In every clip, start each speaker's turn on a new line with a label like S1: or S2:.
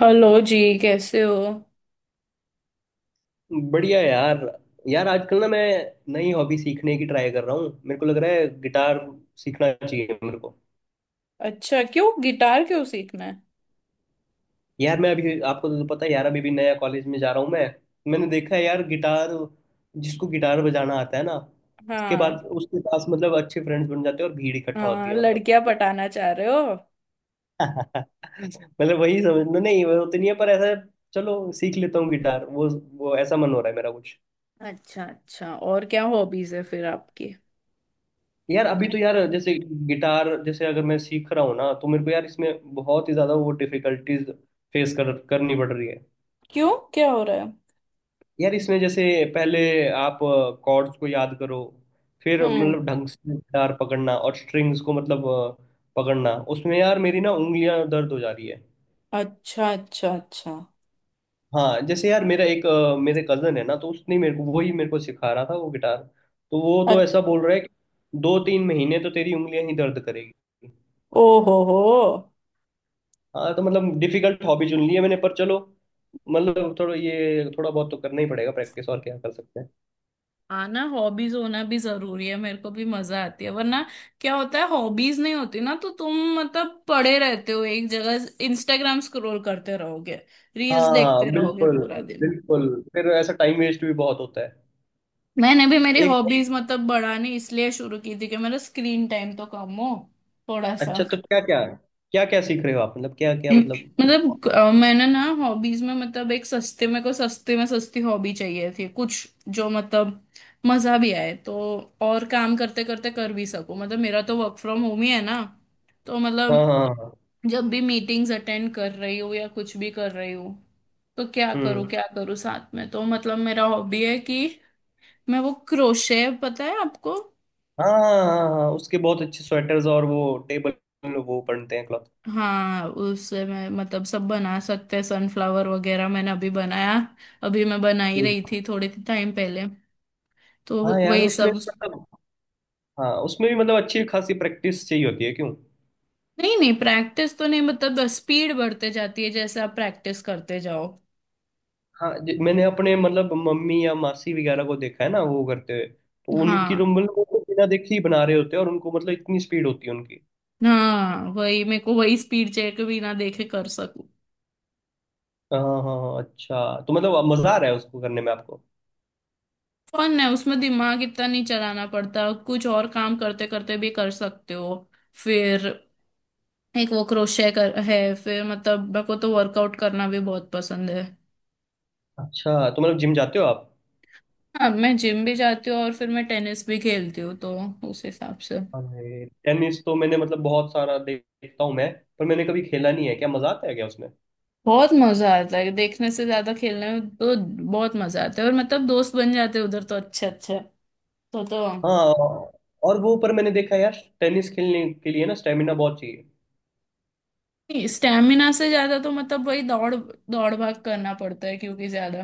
S1: Hello जी। कैसे हो?
S2: बढ़िया यार। यार आजकल ना मैं नई हॉबी सीखने की ट्राई कर रहा हूँ। मेरे को लग रहा है गिटार सीखना चाहिए मेरे को।
S1: अच्छा, क्यों गिटार क्यों सीखना है?
S2: यार मैं अभी, आपको तो पता है यार, अभी भी नया कॉलेज में जा रहा हूँ मैं। मैंने देखा है यार गिटार, जिसको गिटार बजाना आता है ना, उसके
S1: हाँ।
S2: बाद उसके पास मतलब अच्छे फ्रेंड्स बन जाते हैं और भीड़ इकट्ठा होती
S1: हाँ,
S2: है मतलब।
S1: लड़कियां पटाना चाह रहे हो?
S2: मतलब वही समझ नहीं, वो तो नहीं है पर ऐसा, चलो सीख लेता हूँ गिटार। वो ऐसा मन हो रहा है मेरा कुछ।
S1: अच्छा अच्छा। और क्या हॉबीज है फिर आपकी?
S2: यार अभी तो यार जैसे गिटार, जैसे अगर मैं सीख रहा हूँ ना तो मेरे को यार इसमें बहुत ही ज़्यादा वो डिफिकल्टीज फेस कर करनी पड़ रही है।
S1: क्यों, क्या हो रहा है?
S2: यार इसमें जैसे पहले आप कॉर्ड्स को याद करो, फिर
S1: हम्म।
S2: मतलब ढंग से गिटार पकड़ना और स्ट्रिंग्स को मतलब पकड़ना, उसमें यार मेरी ना उंगलियां दर्द हो जा रही है।
S1: अच्छा अच्छा अच्छा।
S2: हाँ, जैसे यार मेरा मेरे कजन है ना, तो उसने मेरे को वही, मेरे को सिखा रहा था वो गिटार। तो वो तो
S1: अच-
S2: ऐसा बोल रहा है कि 2-3 महीने तो तेरी उंगलियां ही दर्द करेगी।
S1: ओ। हो हो।
S2: हाँ तो मतलब डिफिकल्ट हॉबी चुन ली है मैंने, पर चलो मतलब थोड़ा बहुत तो करना ही पड़ेगा प्रैक्टिस, और क्या कर सकते हैं।
S1: आना हॉबीज होना भी जरूरी है, मेरे को भी मजा आती है, वरना क्या होता है, हॉबीज नहीं होती ना तो तुम मतलब पड़े रहते हो एक जगह, इंस्टाग्राम स्क्रॉल करते रहोगे, रील्स देखते
S2: हाँ
S1: रहोगे
S2: बिल्कुल।
S1: पूरा दिन।
S2: बिल्कुल फिर ऐसा टाइम वेस्ट भी बहुत होता है।
S1: मैंने भी मेरी
S2: एक
S1: हॉबीज मतलब बढ़ानी इसलिए शुरू की थी कि मेरा स्क्रीन टाइम तो कम हो थोड़ा
S2: अच्छा
S1: सा।
S2: तो क्या क्या सीख रहे हो आप, मतलब क्या क्या,
S1: हम्म,
S2: मतलब।
S1: मतलब मैंने ना हॉबीज में मतलब एक सस्ते में को सस्ते में सस्ती हॉबी चाहिए थी कुछ, जो मतलब मजा भी आए, तो और काम करते करते कर भी सकूं, मतलब मेरा तो वर्क फ्रॉम होम ही है ना। तो मतलब
S2: हाँ हाँ हाँ।
S1: जब भी मीटिंग्स अटेंड कर रही हूँ या कुछ भी कर रही हूँ तो
S2: हम्म।
S1: क्या करूँ साथ में, तो मतलब मेरा हॉबी है कि मैं वो क्रोशे, पता है आपको?
S2: हाँ हाँ हाँ हाँ, हाँ, उसके बहुत अच्छे स्वेटर्स और वो टेबल वो बनते हैं क्लॉथ।
S1: हाँ, उससे मैं मतलब सब बना सकते हैं, सनफ्लावर वगैरह मैंने अभी बनाया। अभी मैं बना ही रही थी थोड़े टाइम पहले, तो
S2: हाँ यार
S1: वही
S2: उसमें
S1: सब।
S2: मतलब, हाँ उसमें भी मतलब अच्छी खासी प्रैक्टिस चाहिए होती है क्यों।
S1: नहीं नहीं, प्रैक्टिस तो नहीं, मतलब स्पीड बढ़ते जाती है जैसे आप प्रैक्टिस करते जाओ।
S2: हाँ, मैंने अपने मतलब मम्मी या मासी वगैरह को देखा है ना, वो करते हुए तो उनकी
S1: हाँ।
S2: तो मतलब वो तो बिना देखे ही बना रहे होते हैं, और उनको मतलब इतनी स्पीड होती है उनकी।
S1: हाँ वही, मेरे को वही स्पीड चेक बिना देखे कर सकूं।
S2: हाँ हाँ हाँ। अच्छा तो मतलब अब मजा आ रहा है उसको करने में आपको।
S1: फन है उसमें, दिमाग इतना नहीं चलाना पड़ता, कुछ और काम करते करते भी कर सकते हो। फिर एक वो क्रोशे कर है, फिर मतलब मेरे को तो वर्कआउट करना भी बहुत पसंद है।
S2: अच्छा तो मतलब जिम जाते हो आप।
S1: हाँ, मैं जिम भी जाती हूँ और फिर मैं टेनिस भी खेलती हूँ, तो उस हिसाब से।
S2: अरे, टेनिस तो मैंने मतलब बहुत सारा देखता हूँ मैं, पर मैंने कभी खेला नहीं है, क्या मजा आता है क्या उसमें।
S1: बहुत मजा आता है, देखने से ज्यादा खेलने में तो बहुत मजा आता है, और मतलब दोस्त बन जाते हैं उधर तो अच्छे अच्छे। तो।
S2: हाँ, और वो, पर मैंने देखा है यार टेनिस खेलने के लिए ना स्टेमिना बहुत चाहिए।
S1: स्टेमिना से ज्यादा तो मतलब वही दौड़ दौड़ भाग करना पड़ता है, क्योंकि ज्यादा।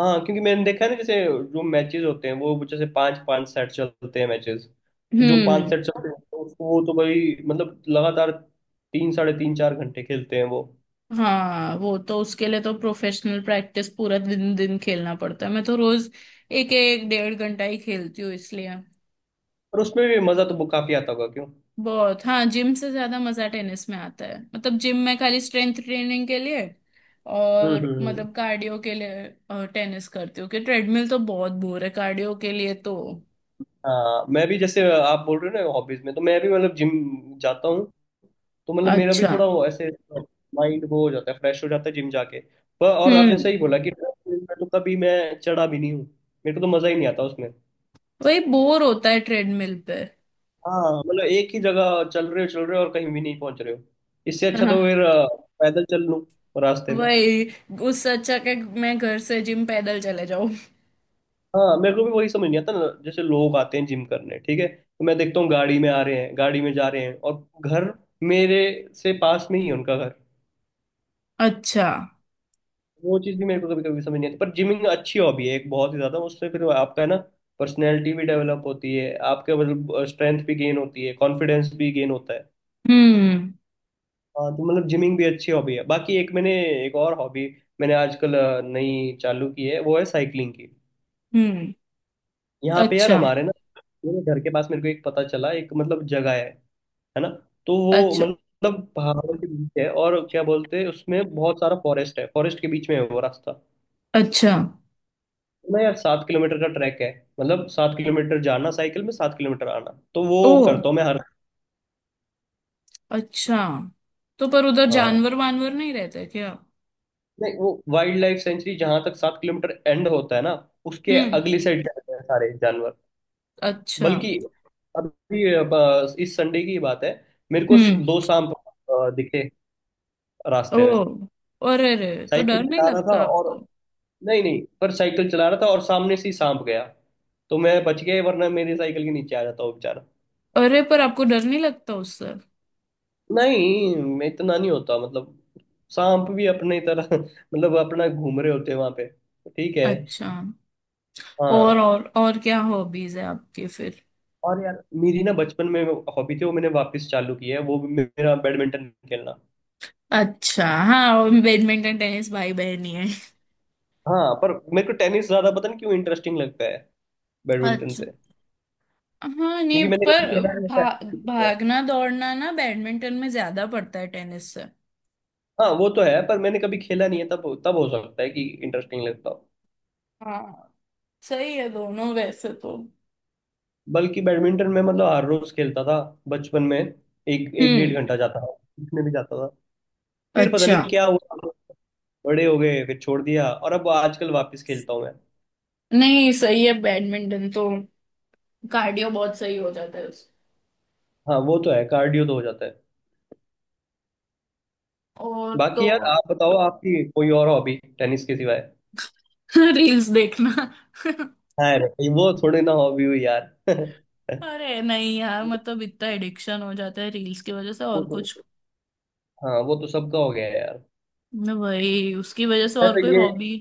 S2: हाँ, क्योंकि मैंने देखा है ना, जैसे जो मैचेस होते हैं वो जैसे पांच पांच सेट चलते हैं मैचेस। तो जो पांच
S1: हम्म।
S2: सेट चलते हैं तो उसको वो तो भाई मतलब लगातार तीन साढ़े तीन चार घंटे खेलते हैं वो।
S1: हाँ, वो तो उसके लिए तो प्रोफेशनल प्रैक्टिस पूरा दिन दिन खेलना पड़ता है, मैं तो रोज एक एक डेढ़ घंटा ही खेलती हूँ इसलिए।
S2: और उसमें भी मजा तो काफी आता होगा क्यों।
S1: बहुत। हाँ, जिम से ज्यादा मजा टेनिस में आता है, मतलब जिम में खाली स्ट्रेंथ ट्रेनिंग के लिए
S2: हम्म,
S1: और
S2: हम्म,
S1: मतलब कार्डियो के लिए टेनिस करती हूँ, कि ट्रेडमिल तो बहुत बोर है कार्डियो के लिए तो।
S2: हाँ, मैं भी जैसे आप बोल रहे हो ना हॉबीज में, तो मैं भी मतलब जिम जाता हूँ। तो मतलब मेरा भी
S1: अच्छा।
S2: थोड़ा वो ऐसे माइंड वो हो जाता है, फ्रेश हो जाता है जिम जाके। पर, और आपने
S1: हम्म।
S2: सही बोला कि treadmill में तो कभी मैं चढ़ा भी नहीं हूँ, मेरे को तो मजा ही नहीं आता उसमें।
S1: वही बोर होता है ट्रेडमिल पे।
S2: हाँ, मतलब एक ही जगह चल रहे हो और कहीं भी नहीं पहुंच रहे हो। इससे अच्छा
S1: हाँ
S2: तो फिर पैदल चल लूँ रास्ते में।
S1: वही, उससे अच्छा कि मैं घर से जिम पैदल चले जाऊं।
S2: हाँ, मेरे को भी वही समझ नहीं आता ना, जैसे लोग आते हैं जिम करने, ठीक है तो मैं देखता हूँ गाड़ी में आ रहे हैं, गाड़ी में जा रहे हैं और घर मेरे से पास में ही है उनका घर।
S1: अच्छा।
S2: वो चीज़ भी मेरे को कभी कभी समझ नहीं आती, पर जिमिंग अच्छी हॉबी है एक, बहुत ही ज़्यादा उससे फिर आपका है ना, पर्सनैलिटी भी डेवलप होती है आपके, मतलब स्ट्रेंथ भी गेन होती है, कॉन्फिडेंस भी गेन होता है।
S1: हम्म।
S2: हाँ तो मतलब जिमिंग भी अच्छी हॉबी है। बाकी एक और हॉबी मैंने आजकल नई चालू की है, वो है साइकिलिंग की।
S1: हम्म।
S2: यहाँ पे यार
S1: अच्छा
S2: हमारे ना, मेरे घर के पास, मेरे को एक पता चला एक मतलब जगह है ना। तो वो
S1: अच्छा
S2: मतलब पहाड़ों के बीच है, और क्या बोलते हैं उसमें बहुत सारा फॉरेस्ट है, फॉरेस्ट के बीच में है वो रास्ता।
S1: अच्छा।
S2: तो ना यार 7 किलोमीटर का ट्रैक है। मतलब 7 किलोमीटर जाना साइकिल में, 7 किलोमीटर आना, तो वो
S1: ओ
S2: करता हूँ मैं हर।
S1: अच्छा। तो पर उधर
S2: हाँ,
S1: जानवर वानवर नहीं रहते क्या?
S2: नहीं, वो वाइल्ड लाइफ सेंचुरी जहां तक 7 किलोमीटर एंड होता है ना, उसके
S1: हम्म।
S2: अगली साइड जाते हैं सारे जानवर।
S1: अच्छा।
S2: बल्कि अभी, अब इस संडे की बात है, मेरे को
S1: हम्म।
S2: दो सांप दिखे
S1: ओ।
S2: रास्ते में,
S1: और अरे, तो डर
S2: साइकिल
S1: नहीं
S2: चला रहा था
S1: लगता आपको?
S2: और, नहीं नहीं, पर साइकिल चला रहा था और सामने से ही सांप गया। तो मैं बच गया, वरना मेरी साइकिल के नीचे आ जाता वो बेचारा।
S1: अरे, पर आपको डर नहीं लगता उससे?
S2: नहीं, मैं इतना नहीं होता मतलब, सांप भी अपने तरह मतलब अपना घूम रहे होते हैं वहां पे, ठीक है।
S1: अच्छा। और
S2: हाँ।
S1: और और क्या हॉबीज है आपकी फिर?
S2: और यार मेरी ना बचपन में हॉबी थी, वो मैंने वापस चालू की है, वो भी मेरा बैडमिंटन खेलना।
S1: अच्छा। हाँ, और बैडमिंटन टेनिस भाई बहन ही है।
S2: हाँ, पर मेरे को टेनिस ज्यादा पता नहीं क्यों इंटरेस्टिंग लगता है बैडमिंटन
S1: अच्छा।
S2: से।
S1: हाँ नहीं,
S2: क्योंकि मैंने कभी
S1: पर
S2: खेला नहीं था।
S1: भागना दौड़ना ना बैडमिंटन में ज्यादा पड़ता है टेनिस से।
S2: हाँ, वो तो है, पर मैंने कभी खेला नहीं है, तब तब हो सकता है कि इंटरेस्टिंग लगता हो।
S1: हाँ, सही है दोनों वैसे तो।
S2: बल्कि बैडमिंटन में मतलब हर रोज खेलता था बचपन में, एक एक डेढ़
S1: हम्म।
S2: घंटा जाता था, इसमें भी जाता था, फिर पता नहीं
S1: अच्छा।
S2: क्या हुआ, बड़े हो गए, फिर छोड़ दिया, और अब आजकल वापस खेलता हूँ मैं।
S1: नहीं, सही है बैडमिंटन तो, कार्डियो बहुत सही हो जाता है उससे।
S2: हाँ वो तो है, कार्डियो तो हो जाता है।
S1: और
S2: बाकी
S1: तो
S2: यार आप बताओ आपकी कोई और हॉबी टेनिस के सिवाय।
S1: रील्स देखना।
S2: हाँ रे, भाई वो थोड़ी ना हॉबी हुई यार।
S1: अरे नहीं यार, मतलब इतना एडिक्शन हो जाता है रील्स की वजह से
S2: वो
S1: और
S2: तो,
S1: कुछ,
S2: हाँ वो तो सबका हो गया है यार।
S1: भाई उसकी वजह से और
S2: वैसे
S1: कोई
S2: ये,
S1: हॉबी।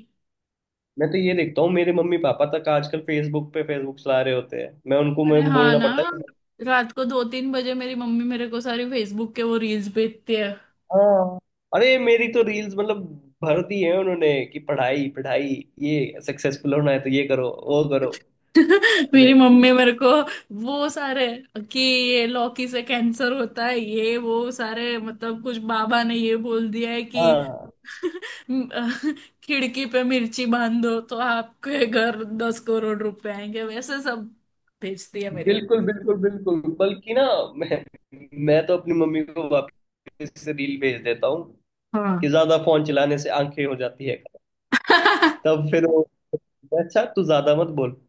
S2: मैं तो ये देखता हूँ मेरे मम्मी पापा तक आजकल फेसबुक पे फेसबुक चला रहे होते हैं,
S1: अरे
S2: मैं
S1: हाँ
S2: बोलना
S1: ना,
S2: पड़ता है कि।
S1: रात को 2-3 बजे मेरी मम्मी मेरे को सारी फेसबुक के वो रील्स भेजती है।
S2: हाँ, अरे मेरी तो रील्स मतलब भर दी है उन्होंने कि पढ़ाई पढ़ाई, ये सक्सेसफुल होना है तो ये करो वो करो।
S1: मेरी
S2: अरे
S1: मम्मी मेरे को वो सारे, कि ये लौकी से कैंसर होता है, ये वो सारे मतलब कुछ बाबा ने ये बोल दिया है कि
S2: हाँ।
S1: खिड़की पे मिर्ची बांध दो तो आपके घर 10 करोड़ रुपए आएंगे, वैसे सब भेजती है मेरी
S2: बिल्कुल
S1: मम्मी।
S2: बिल्कुल बिल्कुल। बल्कि ना, मैं मैं तो अपनी मम्मी को वापस से रील भेज देता हूँ
S1: हाँ।
S2: कि ज्यादा फोन चलाने से आंखें हो जाती है, तब फिर वो, अच्छा तू ज्यादा मत बोल।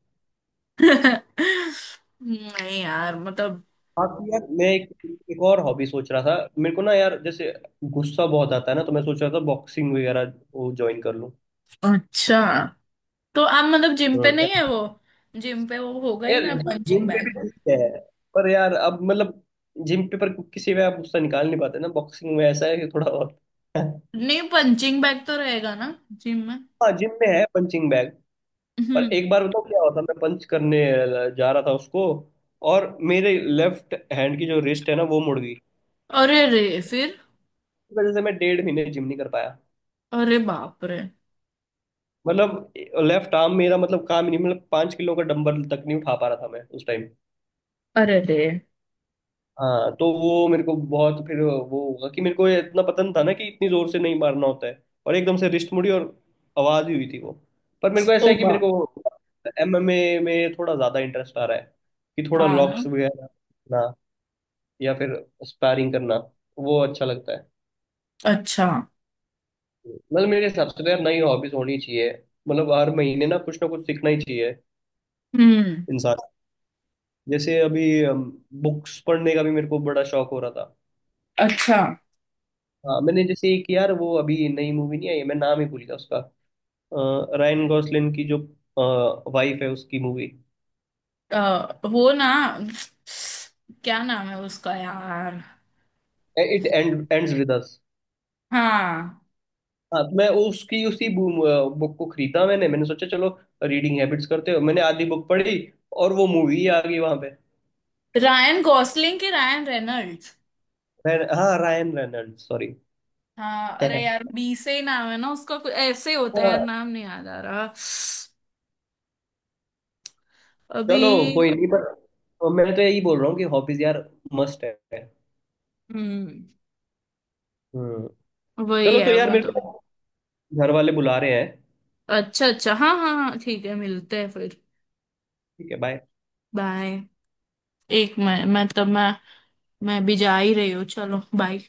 S1: नहीं यार मतलब।
S2: हाँ तो यार मैं एक एक और हॉबी सोच रहा था मेरे को ना यार, जैसे गुस्सा बहुत आता है ना तो मैं सोच रहा था बॉक्सिंग वगैरह वो ज्वाइन कर लूँ।
S1: अच्छा, तो आप मतलब जिम पे नहीं है
S2: हम्म।
S1: वो? जिम पे वो होगा ही
S2: यार
S1: ना, पंचिंग
S2: जिम पे भी
S1: बैग।
S2: ठीक है, पर यार अब मतलब जिम पे, पर किसी में आप गुस्सा निकाल नहीं पाते ना, बॉक्सिंग में ऐसा है कि थोड़ा बहुत।
S1: नहीं, पंचिंग बैग तो रहेगा ना जिम में।
S2: हाँ, जिम में है पंचिंग बैग। पर
S1: हम्म।
S2: एक बार बताओ क्या होता, मैं पंच करने जा रहा था उसको, और मेरे लेफ्ट हैंड की जो रिस्ट है ना, वो मुड़ गई,
S1: अरे रे। फिर?
S2: इस वजह से मैं 1.5 महीने जिम नहीं कर पाया।
S1: अरे बाप रे।
S2: मतलब लेफ्ट आर्म मेरा मतलब काम ही नहीं, मतलब 5 किलो का डंबल तक नहीं उठा पा रहा था मैं उस टाइम।
S1: अरे रे।
S2: हाँ तो वो मेरे को बहुत फिर वो होगा कि मेरे को ये इतना पता नहीं था ना कि इतनी जोर से नहीं मारना होता है, और एकदम से रिस्ट मुड़ी और आवाज ही हुई थी वो। पर मेरे को ऐसा
S1: ओ
S2: है कि मेरे
S1: बाप।
S2: को एमएमए में थोड़ा ज्यादा इंटरेस्ट आ रहा है, कि थोड़ा
S1: हाँ ना।
S2: लॉक्स वगैरह ना, या फिर स्पारिंग करना, वो अच्छा लगता है।
S1: अच्छा।
S2: मतलब मेरे हिसाब से तो यार नई हॉबीज होनी चाहिए, मतलब हर महीने ना कुछ सीखना ही चाहिए।
S1: हम्म।
S2: जैसे अभी बुक्स पढ़ने का भी मेरे को बड़ा शौक हो रहा था।
S1: अच्छा।
S2: हाँ, मैंने जैसे एक यार वो अभी नई मूवी नहीं आई, मैं नाम ही भूल गया उसका, रायन गॉसलिन की जो वाइफ है उसकी मूवी।
S1: वो ना, क्या नाम है उसका यार?
S2: It ends with us.
S1: हाँ,
S2: हाँ तो मैं उसकी उसी बुक को खरीदा, मैंने मैंने सोचा चलो रीडिंग हैबिट्स करते हो, मैंने आधी बुक पढ़ी और वो मूवी आ गई वहां पे।
S1: रायन गॉसलिंग के रायन रेनल्ड्स।
S2: हाँ रायन रेनल्ड सॉरी।
S1: हाँ, अरे यार बी से ही नाम है ना उसका, कुछ ऐसे ही होता है, यार
S2: हाँ,
S1: नाम नहीं याद आ रहा अभी।
S2: चलो कोई नहीं, पर मैं तो यही बोल रहा हूँ कि हॉबीज यार मस्ट है।
S1: हम्म।
S2: हम्म
S1: वही
S2: चलो तो
S1: है
S2: यार मेरे
S1: मतलब।
S2: को घर वाले बुला रहे हैं।
S1: अच्छा अच्छा, हाँ हाँ हाँ, ठीक है, मिलते हैं फिर।
S2: ठीक है बाय।
S1: बाय। एक मैं तब मैं भी जा ही रही हूँ, चलो बाय।